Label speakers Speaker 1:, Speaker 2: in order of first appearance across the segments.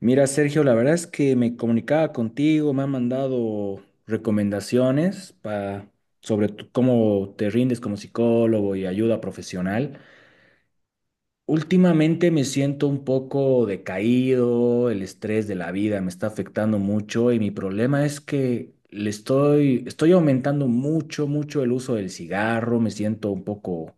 Speaker 1: Mira, Sergio, la verdad es que me comunicaba contigo, me han mandado recomendaciones pa- sobre tu- cómo te rindes como psicólogo y ayuda profesional. Últimamente me siento un poco decaído, el estrés de la vida me está afectando mucho y mi problema es que le estoy aumentando mucho el uso del cigarro, me siento un poco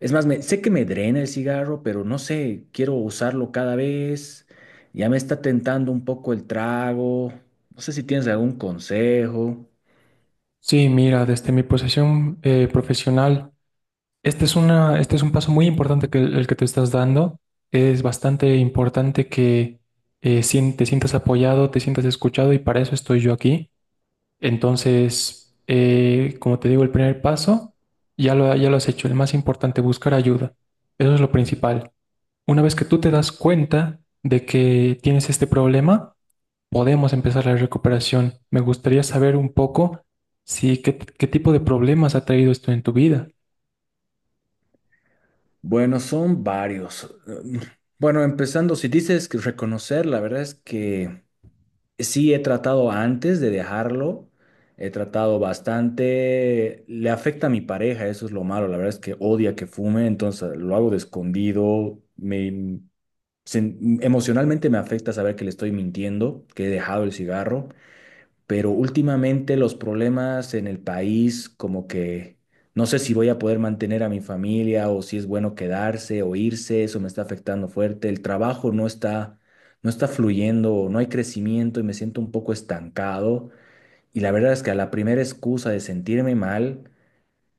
Speaker 1: es más, me- sé que me drena el cigarro, pero no sé, quiero usarlo cada vez. Ya me está tentando un poco el trago. No sé si tienes algún consejo.
Speaker 2: Sí, mira, desde mi posición profesional, este es un paso muy importante que te estás dando. Es bastante importante que te sientas apoyado, te sientas escuchado y para eso estoy yo aquí. Entonces, como te digo, el primer paso ya lo has hecho. El más importante, buscar ayuda. Eso es lo principal. Una vez que tú te das cuenta de que tienes este problema, podemos empezar la recuperación. Me gustaría saber un poco si qué tipo de problemas ha traído esto en tu vida.
Speaker 1: Bueno, son varios. Mm, bueno, empezando, si dices que reconocer, la verdad es que sí he tratado antes de dejarlo. He tratado bastante. Le afecta a mi pareja, eso es lo malo. La verdad es que odia que fume, entonces lo hago de escondido. Me, sen- emocionalmente me afecta saber que le estoy mintiendo, que he dejado el cigarro, pero últimamente los problemas en el país, como que no sé si voy a poder mantener a mi familia o si es bueno quedarse o irse, eso me está afectando fuerte. El trabajo no está, no está fluyendo, no hay crecimiento y me siento un poco estancado. Y la verdad es que a la primera excusa de sentirme mal,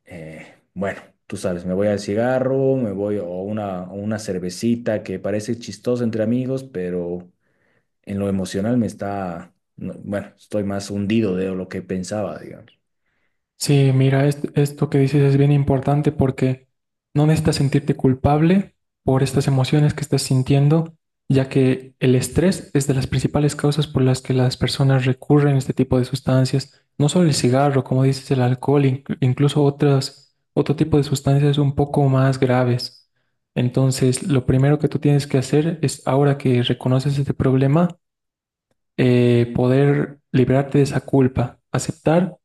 Speaker 1: bueno, tú sabes, me voy al cigarro, me voy a una, o una cervecita que parece chistosa entre amigos, pero en lo emocional me está, no, bueno, estoy más hundido de lo que pensaba, digamos.
Speaker 2: Sí, mira, esto que dices es bien importante porque no necesitas sentirte culpable por estas emociones que estás sintiendo, ya que el estrés es de las principales causas por las que las personas recurren a este tipo de sustancias. No solo el cigarro, como dices, el alcohol, incluso otro tipo de sustancias un poco más graves. Entonces, lo primero que tú tienes que hacer es, ahora que reconoces este problema, poder liberarte de esa culpa, aceptar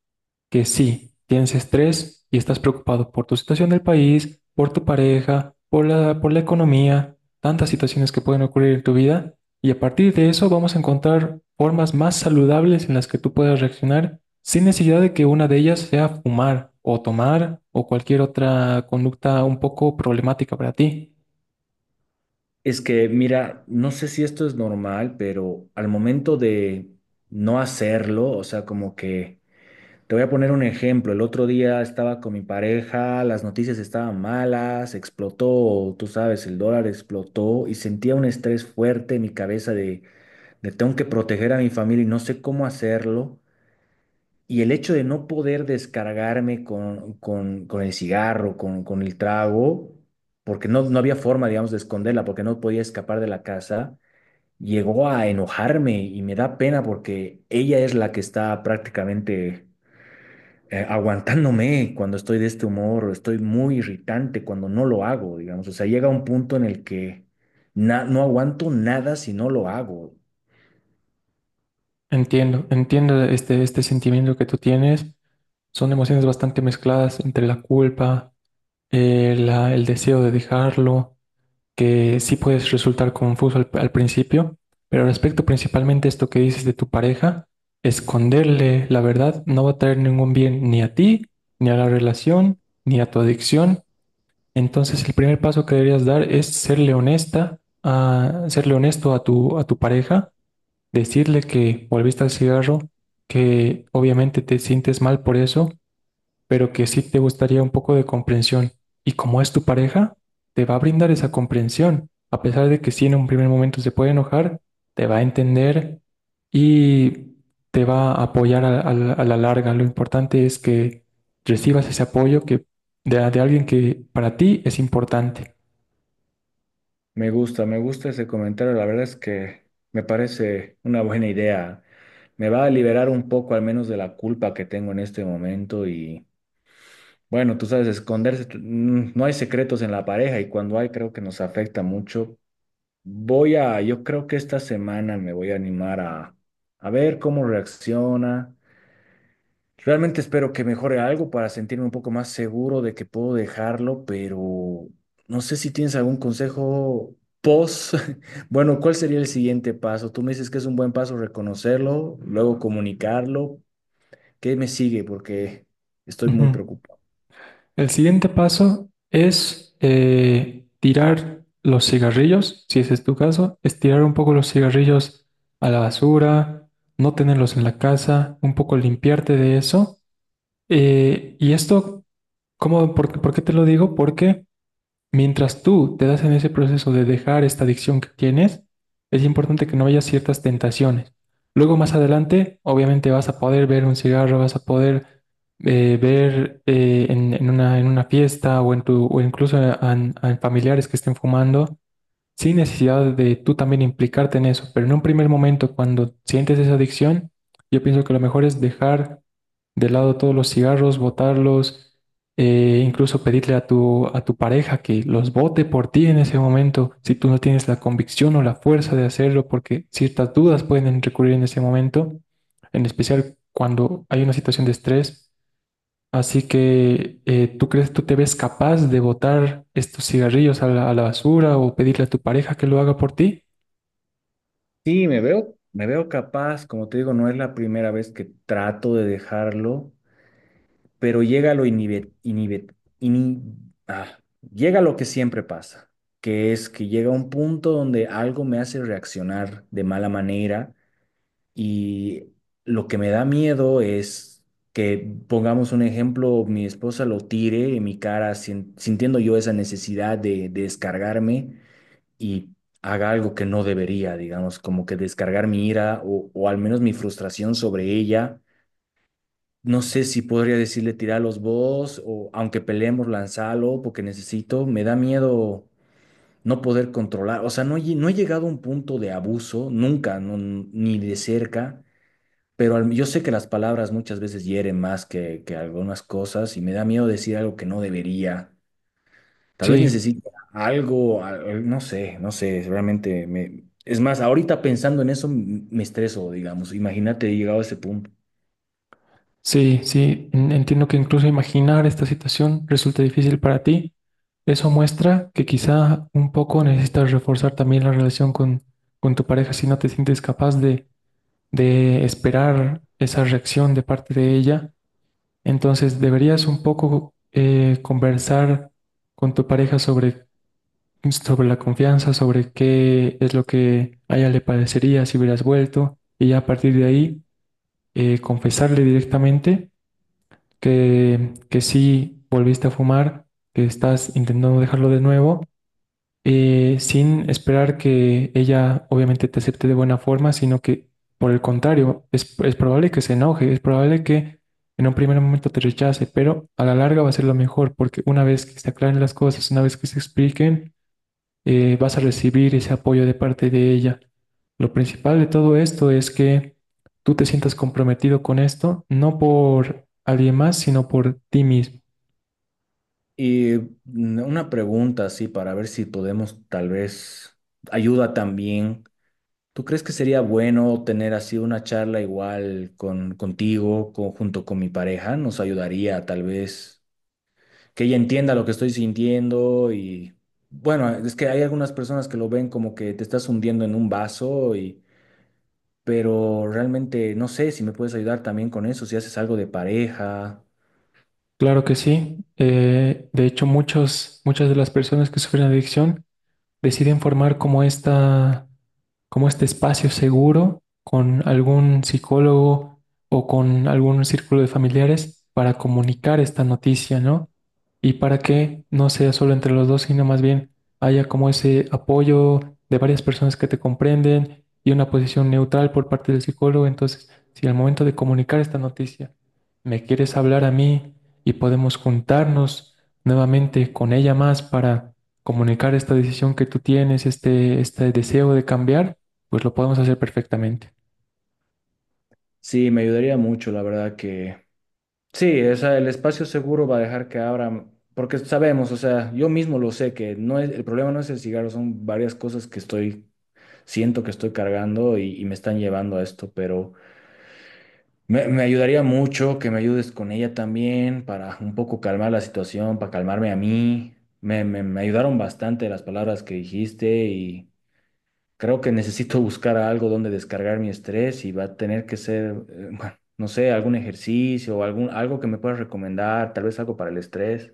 Speaker 2: que sí, tienes estrés y estás preocupado por tu situación del país, por tu pareja, por la economía, tantas situaciones que pueden ocurrir en tu vida. Y a partir de eso vamos a encontrar formas más saludables en las que tú puedas reaccionar sin necesidad de que una de ellas sea fumar o tomar o cualquier otra conducta un poco problemática para ti.
Speaker 1: Es que, mira, no sé si esto es normal, pero al momento de no hacerlo, o sea, como que, te voy a poner un ejemplo, el otro día estaba con mi pareja, las noticias estaban malas, explotó, tú sabes, el dólar explotó y sentía un estrés fuerte en mi cabeza de tengo que proteger a mi familia y no sé cómo hacerlo. Y el hecho de no poder descargarme con el cigarro, con el trago, porque no había forma, digamos, de esconderla, porque no podía escapar de la casa, llegó a enojarme y me da pena porque ella es la que está prácticamente aguantándome cuando estoy de este humor, estoy muy irritante cuando no lo hago, digamos. O sea, llega un punto en el que na- no aguanto nada si no lo hago.
Speaker 2: Entiendo, entiendo este sentimiento que tú tienes. Son emociones bastante mezcladas entre la culpa, el deseo de dejarlo, que sí puedes resultar confuso al principio, pero respecto principalmente a esto que dices de tu pareja, esconderle la verdad no va a traer ningún bien ni a ti, ni a la relación, ni a tu adicción. Entonces el primer paso que deberías dar es serle honesto a a tu pareja. Decirle que volviste al cigarro, que obviamente te sientes mal por eso, pero que sí te gustaría un poco de comprensión. Y como es tu pareja, te va a brindar esa comprensión. A pesar de que sí en un primer momento se puede enojar, te va a entender y te va a apoyar a la larga. Lo importante es que recibas ese apoyo de alguien que para ti es importante.
Speaker 1: Me gusta ese comentario. La verdad es que me parece una buena idea. Me va a liberar un poco al menos de la culpa que tengo en este momento y bueno, tú sabes, esconderse, t- no hay secretos en la pareja y cuando hay creo que nos afecta mucho. Voy a, yo creo que esta semana me voy a animar a ver cómo reacciona. Realmente espero que mejore algo para sentirme un poco más seguro de que puedo dejarlo, pero no sé si tienes algún consejo post. Bueno, ¿cuál sería el siguiente paso? Tú me dices que es un buen paso reconocerlo, luego comunicarlo. ¿Qué me sigue? Porque estoy muy
Speaker 2: Ujú.
Speaker 1: preocupado.
Speaker 2: El siguiente paso es tirar los cigarrillos, si ese es tu caso, es tirar un poco los cigarrillos a la basura, no tenerlos en la casa, un poco limpiarte de eso. Y esto, ¿cómo, por qué te lo digo? Porque mientras tú te das en ese proceso de dejar esta adicción que tienes, es importante que no haya ciertas tentaciones. Luego más adelante, obviamente vas a poder ver un cigarro, vas a poder ver en una fiesta o incluso en familiares que estén fumando sin necesidad de tú también implicarte en eso, pero en un primer momento cuando sientes esa adicción, yo pienso que lo mejor es dejar de lado todos los cigarros, botarlos, incluso pedirle a a tu pareja que los bote por ti en ese momento, si tú no tienes la convicción o la fuerza de hacerlo, porque ciertas dudas pueden recurrir en ese momento, en especial cuando hay una situación de estrés. Así que, ¿tú tú te ves capaz de botar estos cigarrillos a a la basura o pedirle a tu pareja que lo haga por ti?
Speaker 1: Sí, me veo capaz. Como te digo, no es la primera vez que trato de dejarlo. Pero llega lo inhibe- inhibe- ini- ah, llega lo que siempre pasa, que es que llega un punto donde algo me hace reaccionar de mala manera y lo que me da miedo es que, pongamos un ejemplo, mi esposa lo tire en mi cara sin- sintiendo yo esa necesidad de descargarme y haga algo que no debería, digamos, como que descargar mi ira o al menos mi frustración sobre ella. No sé si podría decirle: tiralos vos, o aunque peleemos, lanzalo porque necesito. Me da miedo no poder controlar. O sea, no, he lle- no he llegado a un punto de abuso, nunca, no- ni de cerca. Pero al- yo sé que las palabras muchas veces hieren más que algunas cosas y me da miedo decir algo que no debería. Tal vez
Speaker 2: Sí,
Speaker 1: necesito algo, al- no sé, no sé, realmente me... Es más, ahorita pensando en eso m- me estreso, digamos. Imagínate, he llegado a ese punto.
Speaker 2: sí, sí. Entiendo que incluso imaginar esta situación resulta difícil para ti. Eso muestra que quizá un poco necesitas reforzar también la relación con tu pareja si no te sientes capaz de esperar esa reacción de parte de ella. Entonces deberías un poco conversar con tu pareja sobre sobre la confianza, sobre qué es lo que a ella le parecería si hubieras vuelto, y ya a partir de ahí confesarle directamente que sí volviste a fumar, que estás intentando dejarlo de nuevo, sin esperar que ella obviamente te acepte de buena forma, sino que por el contrario, es probable que se enoje, es probable que en un primer momento te rechace, pero a la larga va a ser lo mejor, porque una vez que se aclaren las cosas, una vez que se expliquen, vas a recibir ese apoyo de parte de ella. Lo principal de todo esto es que tú te sientas comprometido con esto, no por alguien más, sino por ti mismo.
Speaker 1: Y una pregunta así para ver si podemos tal vez ayuda también. ¿Tú crees que sería bueno tener así una charla igual con contigo, con- junto con mi pareja? Nos ayudaría tal vez que ella entienda lo que estoy sintiendo y bueno, es que hay algunas personas que lo ven como que te estás hundiendo en un vaso y pero realmente no sé si me puedes ayudar también con eso, si haces algo de pareja.
Speaker 2: Claro que sí. De hecho, muchas de las personas que sufren adicción deciden formar como como este espacio seguro con algún psicólogo o con algún círculo de familiares para comunicar esta noticia, ¿no? Y para que no sea solo entre los dos, sino más bien haya como ese apoyo de varias personas que te comprenden y una posición neutral por parte del psicólogo. Entonces, si al momento de comunicar esta noticia me quieres hablar a mí y podemos juntarnos nuevamente con ella más para comunicar esta decisión que tú tienes, este deseo de cambiar, pues lo podemos hacer perfectamente.
Speaker 1: Sí, me ayudaría mucho, la verdad que sí. O sea, el espacio seguro va a dejar que abran, porque sabemos, o sea, yo mismo lo sé que no es, el problema no es el cigarro, son varias cosas que estoy, siento que estoy cargando y me están llevando a esto, pero me ayudaría mucho que me ayudes con ella también para un poco calmar la situación, para calmarme a mí. Me ayudaron bastante las palabras que dijiste. Creo que necesito buscar algo donde descargar mi estrés y va a tener que ser, bueno, no sé, algún ejercicio o algún, algo que me puedas recomendar, tal vez algo para el estrés.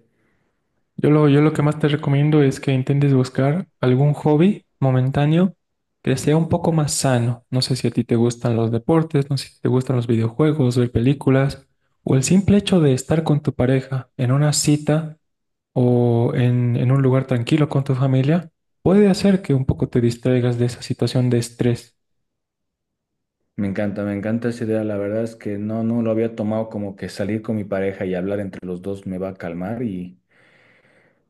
Speaker 2: Yo lo que más te recomiendo es que intentes buscar algún hobby momentáneo que sea un poco más sano. No sé si a ti te gustan los deportes, no sé si te gustan los videojuegos, ver películas, o el simple hecho de estar con tu pareja en una cita o en un lugar tranquilo con tu familia, puede hacer que un poco te distraigas de esa situación de estrés.
Speaker 1: Me encanta esa idea. La verdad es que no, no lo había tomado como que salir con mi pareja y hablar entre los dos me va a calmar.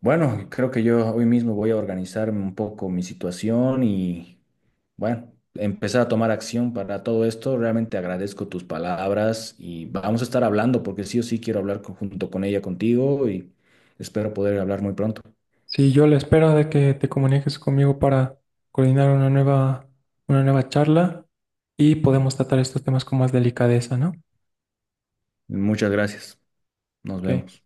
Speaker 1: Bueno, creo que yo hoy mismo voy a organizarme un poco mi situación y, bueno, empezar a tomar acción para todo esto. Realmente agradezco tus palabras y vamos a estar hablando porque sí o sí quiero hablar con- junto con ella contigo y espero poder hablar muy pronto.
Speaker 2: Sí, yo a la espera de que te comuniques conmigo para coordinar una nueva charla y podemos tratar estos temas con más delicadeza, ¿no?
Speaker 1: Muchas gracias. Nos
Speaker 2: Ok.
Speaker 1: vemos.